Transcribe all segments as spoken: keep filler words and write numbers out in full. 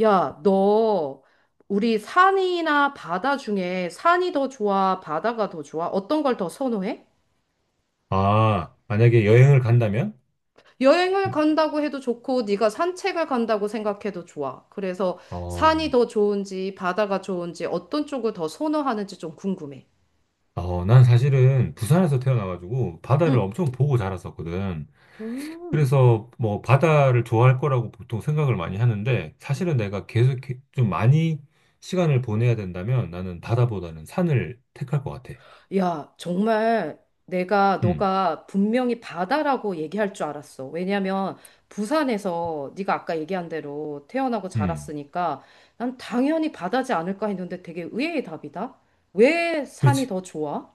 야, 너 우리 산이나 바다 중에 산이 더 좋아, 바다가 더 좋아? 어떤 걸 더 선호해? 아, 만약에 여행을 간다면? 여행을 음, 간다고 해도 좋고, 네가 산책을 간다고 생각해도 좋아. 그래서 산이 어, 더 좋은지, 바다가 좋은지, 어떤 쪽을 더 선호하는지 좀 궁금해. 어, 난 사실은 부산에서 태어나가지고 바다를 응. 엄청 보고 자랐었거든. 음. 그래서 뭐 바다를 좋아할 거라고 보통 생각을 많이 하는데 음. 사실은 내가 계속 이렇게 좀 많이 시간을 보내야 된다면 나는 바다보다는 산을 택할 것 같아. 야, 정말 내가 음, 너가 분명히 바다라고 얘기할 줄 알았어. 왜냐면 부산에서 네가 아까 얘기한 대로 태어나고 음. 자랐으니까 난 당연히 바다지 않을까 했는데 되게 의외의 답이다. 왜 산이 그렇지. 더 좋아?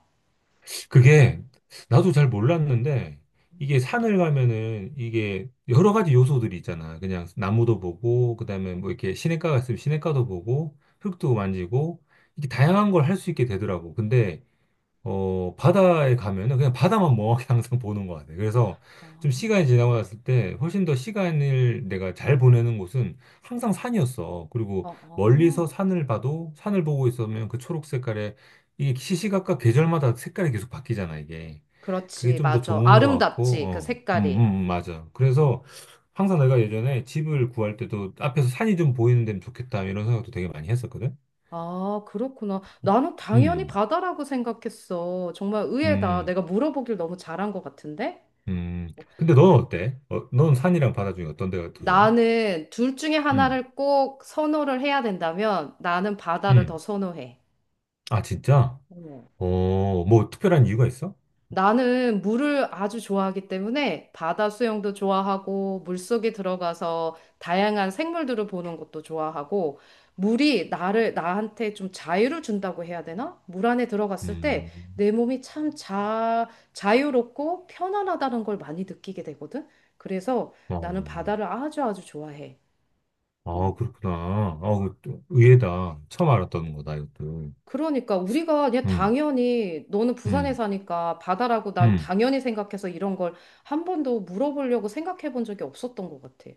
그게 나도 잘 몰랐는데 이게 산을 가면은 이게 여러 가지 요소들이 있잖아. 그냥 나무도 보고 그다음에 뭐 이렇게 시냇가 있으면 시냇가도 보고 흙도 만지고 이게 다양한 걸 할 수 있게 되더라고. 근데 어, 바다에 가면은 그냥 바다만 멍하게 항상 보는 것 같아요. 그래서 아, 좀 시간이 지나고 났을 때 훨씬 더 시간을 내가 잘 보내는 곳은 항상 산이었어. 그리고 어, 멀리서 어. 산을 봐도 산을 보고 있으면 그 초록 색깔에 이게 시시각각 계절마다 색깔이 계속 바뀌잖아, 이게. 그게 그렇지, 좀 더 맞아. 좋은 것 같고, 아름답지, 그 어, 음, 음, 색깔이. 음, 맞아. 음. 그래서 항상 내가 예전에 집을 구할 때도 앞에서 산이 좀 보이는 데면 좋겠다 이런 생각도 되게 많이 했었거든. 아, 그렇구나. 나는 당연히 음, 바다라고 생각했어. 정말 의외다. 음. 내가 물어보길 너무 잘한 것 같은데? 음, 근데 넌 어때? 어, 넌 산이랑 바다 중에 어떤 데가 더 좋아? 나는 둘 중에 음, 하나를 꼭 선호를 해야 된다면 나는 바다를 더 음. 선호해. 아, 진짜? 어. 어, 뭐 특별한 이유가 있어? 나는 물을 아주 좋아하기 때문에 바다 수영도 좋아하고 물속에 들어가서 다양한 생물들을 보는 것도 좋아하고 물이 나를 나한테 좀 자유를 준다고 해야 되나? 물 안에 들어갔을 때 음, 내 몸이 참 자, 자유롭고 편안하다는 걸 많이 느끼게 되거든. 그래서 어, 나는 바다를 아주 아주 좋아해. 아, 음. 그렇구나. 아, 그또 의외다. 처음 알았던 거다, 이것도. 그러니까 우리가 그냥 음, 당연히 너는 부산에 음, 사니까 바다라고 난 음. 당연히 생각해서 이런 걸 한 번도 물어보려고 생각해 본 적이 없었던 것 같아.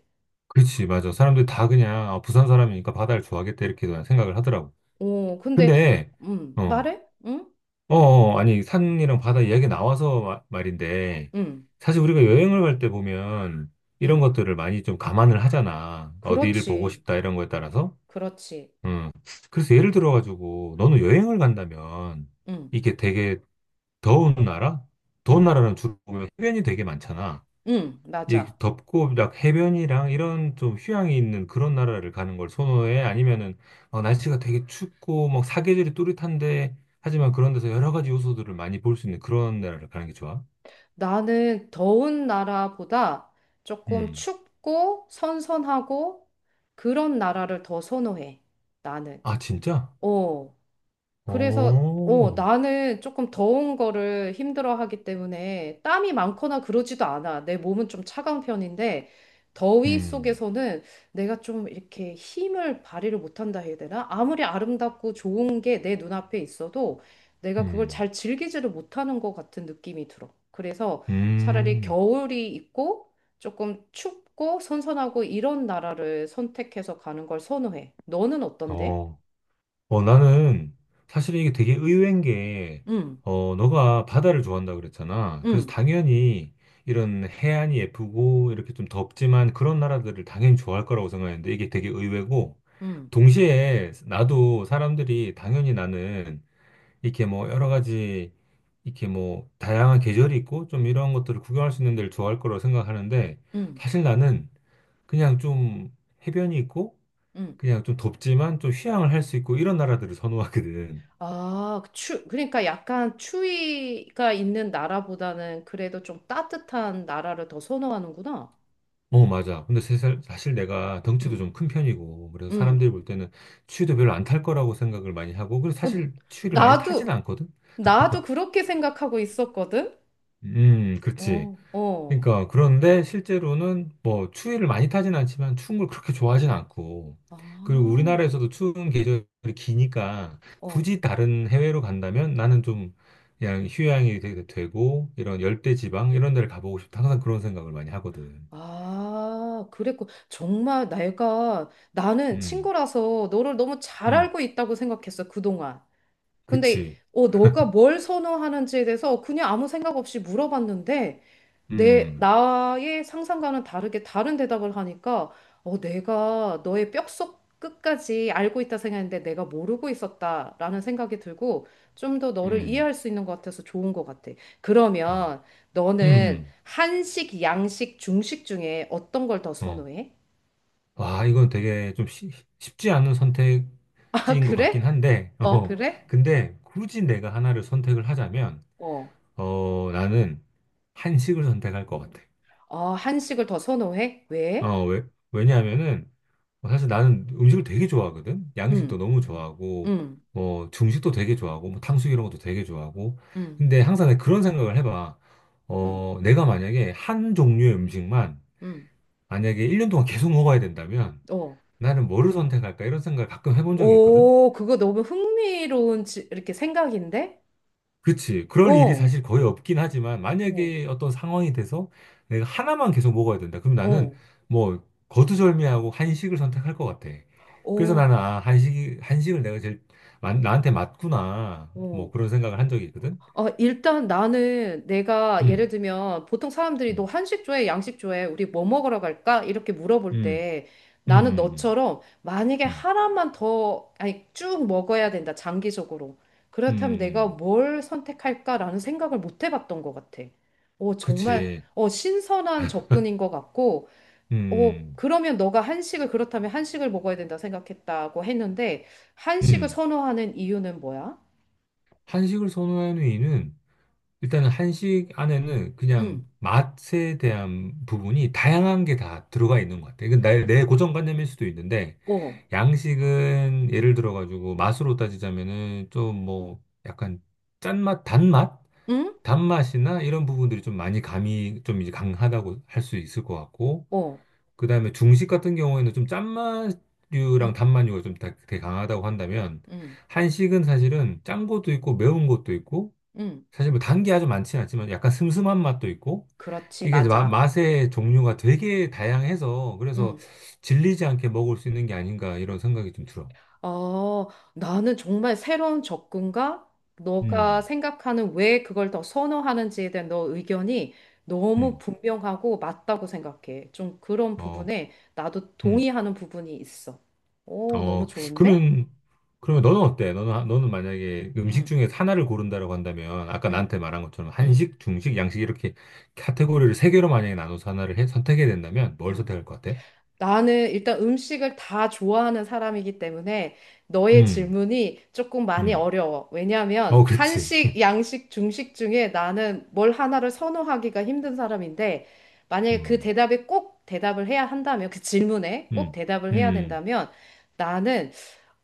그렇지, 맞아. 사람들이 다 그냥, 아, 부산 사람이니까 바다를 좋아하겠다, 이렇게 그냥 생각을 하더라고. 어, 근데 근데, 음, 어, 말해? 응? 어, 어, 아니, 산이랑 바다 이야기 나와서 마- 말인데, 응. 사실 우리가 여행을 갈 때 보면 이런 응. 것들을 많이 좀 감안을 하잖아. 어디를 보고 그렇지. 싶다, 이런 거에 따라서. 그렇지. 음. 그래서 예를 들어가지고, 너는 여행을 간다면, 응. 이게 되게 더운 나라? 더운 응. 나라는 주로 보면 해변이 되게 많잖아. 응. 이 맞아. 덥고 막 해변이랑 이런 좀 휴양이 있는 그런 나라를 가는 걸 선호해? 아니면은 어, 날씨가 되게 춥고 막 사계절이 뚜렷한데 하지만 그런 데서 여러 가지 요소들을 많이 볼 수 있는 그런 나라를 가는 게 좋아? 나는 더운 나라보다 조금 음. 춥고 선선하고 그런 나라를 더 선호해. 나는. 아, 진짜? 어. 그래서 어, 오 나는 조금 더운 거를 힘들어하기 때문에 땀이 많거나 그러지도 않아. 내 몸은 좀 차가운 편인데 더위 음. 속에서는 내가 좀 이렇게 힘을 발휘를 못한다 해야 되나? 아무리 아름답고 좋은 게 내 눈앞에 있어도 내가 그걸 음. 잘 즐기지를 못하는 것 같은 느낌이 들어. 그래서 차라리 음. 겨울이 있고 조금 춥고 선선하고 이런 나라를 선택해서 가는 걸 선호해. 너는 어떤데? 어. 어, 나는 사실 이게 되게 의외인 게, 응, 어, 너가 바다를 좋아한다 그랬잖아. 그래서 응, 당연히 이런 해안이 예쁘고 이렇게 좀 덥지만 그런 나라들을 당연히 좋아할 거라고 생각했는데 이게 되게 의외고, 응. 동시에 나도 사람들이 당연히 나는 이렇게 뭐 여러 가지 이렇게 뭐 다양한 계절이 있고 좀 이런 것들을 구경할 수 있는 데를 좋아할 거라고 생각하는데 음, 사실 나는 그냥 좀 해변이 있고 음. 그냥 좀 덥지만 좀 휴양을 할 수 있고 이런 나라들을 선호하거든. 아, 그 추, 그러니까 약간 추위가 있는 나라보다는 그래도 좀 따뜻한 나라를 더 선호하는구나. 어, 맞아. 근데 세살- 사실 내가 덩치도 음, 좀 큰 편이고, 그래서 음. 사람들이 볼 때는 추위도 별로 안 탈 거라고 생각을 많이 하고, 그리고 어, 사실 추위를 많이 타진 나도, 않거든? 나도 그렇게 생각하고 있었거든? 음, 그렇지. 어, 어. 그러니까 그런데 실제로는 뭐 추위를 많이 타진 않지만 추운 걸 그렇게 좋아하진 않고 아, 그리고 우리나라에서도 추운 계절이 기니까 어. 굳이 다른 해외로 간다면 나는 좀 그냥 휴양이 되- 되고 이런 열대 지방 이런 데를 가보고 싶다 항상 그런 생각을 많이 하거든. 아, 그랬고. 정말 내가, 나는 음, 친구라서 너를 너무 잘 음, 알고 있다고 생각했어, 그동안. 근데, 그치. 어, 너가 뭘 선호하는지에 대해서 그냥 아무 생각 없이 물어봤는데, 내, 음, 나의 상상과는 다르게 다른 대답을 하니까, 어, 내가 너의 뼛속 끝까지 알고 있다 생각했는데 내가 모르고 있었다라는 생각이 들고 좀 더 너를 음, 이해할 수 있는 것 같아서 좋은 것 같아. 어, 그러면 너는 음, 한식, 양식, 중식 중에 어떤 걸 더 음, 어. 선호해? 와, 이건 되게 좀 쉬- 쉽지 않은 아, 선택지인 것 같긴 그래? 한데, 어, 음. 어, 그래? 근데 굳이 내가 하나를 선택을 하자면 어. 어, 나는 한식을 선택할 것 같아. 아, 한식을 더 선호해? 왜? 어, 왜? 왜냐하면은, 어, 사실 나는 음식을 되게 좋아하거든? 양식도 음, 너무 좋아하고, 음, 뭐, 중식도 되게 좋아하고, 뭐, 탕수육 이런 것도 되게 좋아하고. 음, 근데 항상 내가 그런 생각을 해봐. 음, 어, 내가 만약에 한 종류의 음식만, 음. 만약에 일 년 동안 계속 먹어야 된다면, 어. 나는 뭐를 선택할까? 이런 생각을 가끔 해본 적이 있거든? 오, 그거 너무 흥미로운 지- 이렇게 생각인데? 그치. 그럴 일이 어, 사실 거의 없긴 하지만, 어, 만약에 어떤 상황이 돼서 내가 하나만 계속 먹어야 된다. 그럼 나는 어, 뭐, 거두절미하고 한식을 선택할 것 같아. 그래서 어, 나는, 아, 한식이, 한식을 내가 제일, 마- 나한테 맞구나. 어. 뭐, 그런 생각을 한 적이 있거든. 아, 일단 나는 내가 예를 음, 들면 보통 사람들이 너 음, 한식 좋아해, 양식 좋아해, 우리 뭐 먹으러 갈까? 이렇게 물어볼 음, 때 음, 나는 음, 너처럼 만약에 음, 하나만 더, 아니, 쭉 먹어야 된다, 장기적으로. 음, 그렇다면 내가 음. 뭘 선택할까라는 생각을 못 해봤던 것 같아. 어, 정말, 그치. 어, 신선한 접근인 것 같고, 어, 음, 그러면 너가 한식을 그렇다면 한식을 먹어야 된다 생각했다고 했는데 한식을 음. 선호하는 이유는 뭐야? 한식을 선호하는 이유는 일단은 한식 안에는 응, 그냥 맛에 대한 부분이 다양한 게 다 들어가 있는 것 같아요. 이건 내, 내 고정관념일 수도 있는데, 어, 양식은 예를 들어가지고 맛으로 따지자면은 좀 뭐 약간 짠맛, 단맛? 응, 단맛이나 이런 부분들이 좀 많이 감이 좀 이제 강하다고 할 수 있을 것 같고, 어, 그 다음에 중식 같은 경우에는 좀 짠맛류랑 응, 단맛류가 좀 다- 되게 강하다고 한다면, 응, 한식은 사실은 짠 것도 있고 매운 것도 있고 응. 사실 뭐 단 게 아주 많지는 않지만 약간 슴슴한 맛도 있고 그렇지, 이게 이제 마- 맞아. 맛의 종류가 되게 다양해서 그래서 응. 질리지 않게 먹을 수 있는 게 아닌가 이런 생각이 좀 들어. 어, 나는 정말 새로운 접근과 너가 음, 생각하는 왜 그걸 더 선호하는지에 대한 너 의견이 너무 음, 분명하고 맞다고 생각해. 좀 그런 어, 부분에 나도 음, 동의하는 부분이 있어. 오, 너무 어. 좋은데? 그러면 그러면 너는 어때? 너는 너는 만약에 음식 응, 중에서 하나를 고른다라고 한다면 아까 응, 나한테 말한 것처럼 응, 한식, 중식, 양식 이렇게 카테고리를 세 개로 만약에 나눠서 하나를 해, 선택해야 된다면 뭘 응. 선택할 것 같아? 나는 일단 음식을 다 좋아하는 사람이기 때문에 너의 음, 질문이 조금 많이 음, 어려워. 왜냐하면 어, 그렇지. 한식, 양식, 중식 중에 나는 뭘 하나를 선호하기가 힘든 사람인데 만약에 그 음, 대답에 꼭 대답을 해야 한다면 그 질문에 꼭 음, 대답을 해야 음. 된다면 나는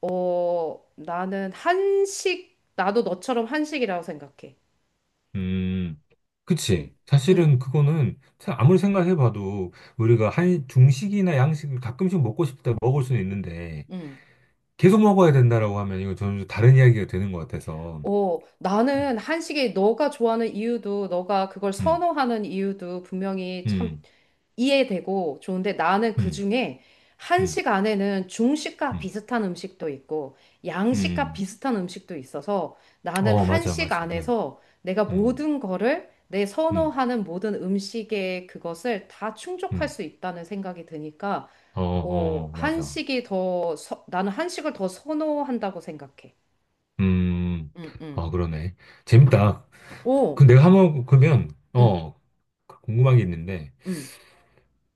어 나는 한식 나도 너처럼 한식이라고 생각해. 음, 응, 그치. 응, 사실은 그거는 사- 아무리 생각해봐도 우리가 한 중식이나 양식을 가끔씩 먹고 싶다 먹을 수는 있는데 응. 계속 먹어야 된다라고 하면 이거 전혀 다른 이야기가 되는 것 같아서. 어, 나는 한식이 너가 좋아하는 이유도, 너가 그걸 음, 선호하는 이유도 분명히 참 음, 이해되고 좋은데 나는 음, 그중에 음, 한식 안에는 중식과 음, 비슷한 음식도 있고 양식과 음. 비슷한 음식도 있어서 나는 어, 맞아, 한식 맞아. 음, 안에서 내가 음, 모든 거를 내 음, 선호하는 모든 음식의 그것을 다 충족할 음. 수 있다는 생각이 드니까 어, 어, 어, 맞아. 한식이 더, 서- 나는 한식을 더 선호한다고 생각해. 음, 응, 응, 어, 그러네. 응. 재밌다. 어, 그 내가 한번 그러면 응, 어 궁금한 게 있는데 응,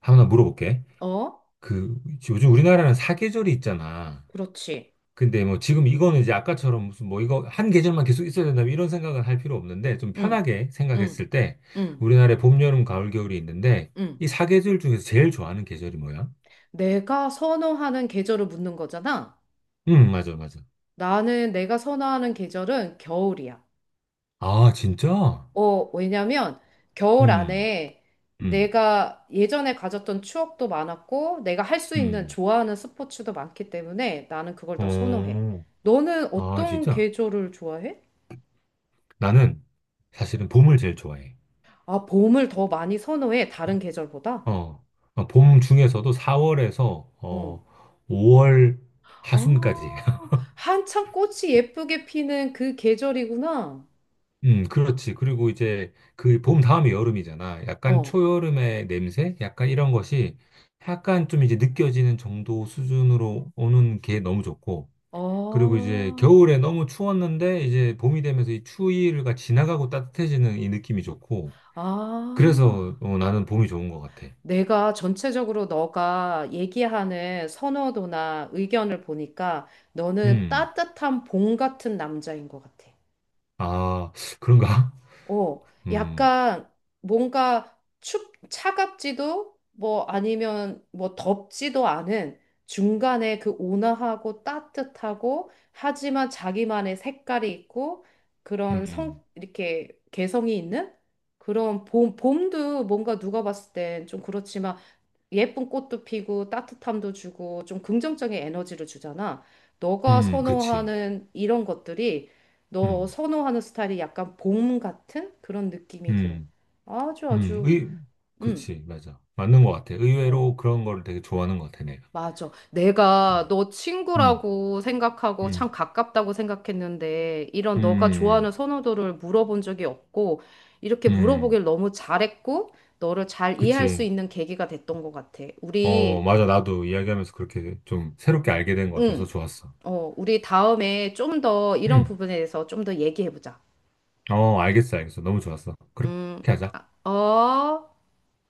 하나 물어볼게. 어, 그 요즘 우리나라는 사계절이 있잖아. 그렇지. 근데 뭐 지금 이거는 이제 아까처럼 무슨 뭐 이거 한 계절만 계속 있어야 된다 뭐 이런 생각은 할 필요 없는데 좀 응, 편하게 응, 생각했을 때 응, 우리나라에 봄, 여름, 가을, 겨울이 있는데 응. 이 사계절 중에서 제일 좋아하는 계절이 뭐야? 내가 선호하는 계절을 묻는 거잖아. 음, 맞아, 맞아. 나는 내가 선호하는 계절은 겨울이야. 아, 진짜? 어, 왜냐면 겨울 음, 안에 음, 내가 예전에 가졌던 추억도 많았고, 내가 할 수 있는 음. 좋아하는 스포츠도 많기 때문에 나는 그걸 더 선호해. 어, 너는 아, 어떤 진짜? 계절을 좋아해? 나는 사실은 봄을 제일 좋아해. 아, 봄을 더 많이 선호해, 다른 어, 계절보다? 어. 어, 봄 중에서도 사월에서 어. 어, 오월 하순까지. 아, 한창 꽃이 예쁘게 피는 그 계절이구나. 음, 그렇지. 그리고 이제 그 봄 다음이 여름이잖아. 약간 어, 초여름의 냄새? 약간 이런 것이 약간 좀 이제 느껴지는 정도 수준으로 오는 게 너무 좋고. 아, 그리고 이제 겨울에 너무 추웠는데 이제 봄이 되면서 이 추위가 지나가고 따뜻해지는 이 느낌이 좋고. 아. 그래서 어, 나는 봄이 좋은 것 같아. 내가 전체적으로 너가 얘기하는 선호도나 의견을 보니까 너는 음, 따뜻한 봄 같은 남자인 것 같아. 아, 그런가? 어, 음, 약간 뭔가 춥, 차갑지도 뭐 아니면 뭐 덥지도 않은 중간에 그 온화하고 따뜻하고 하지만 자기만의 색깔이 있고 그런 성, 음, 이렇게 개성이 있는 그런 봄, 봄도 뭔가 누가 봤을 땐 좀 그렇지만 예쁜 꽃도 피고 따뜻함도 주고 좀 긍정적인 에너지를 주잖아. 너가 음, 그렇지. 선호하는 이런 것들이 너 음, 선호하는 스타일이 약간 봄 같은 그런 느낌이 들어. 음. 아주 음, 아주 의, 음. 그치, 맞아. 맞는 것 같아. 어. 의외로 그런 걸 되게 좋아하는 것 같아, 내가. 맞아. 내가 음, 너 음, 친구라고 생각하고 음, 참 가깝다고 생각했는데 이런 너가 음, 좋아하는 선호도를 물어본 적이 없고 이렇게 음, 물어보길 너무 잘했고 너를 잘 이해할 수 그치. 있는 계기가 됐던 것 같아. 어, 우리 맞아. 나도 이야기하면서 그렇게 좀 새롭게 알게 된 것 같아서 응. 좋았어. 어, 우리 다음에 좀 더 이런 음, 부분에 대해서 좀 더 얘기해보자. 어, 알겠어, 알겠어. 너무 좋았어. 그렇게 음, 하자. 아, 어.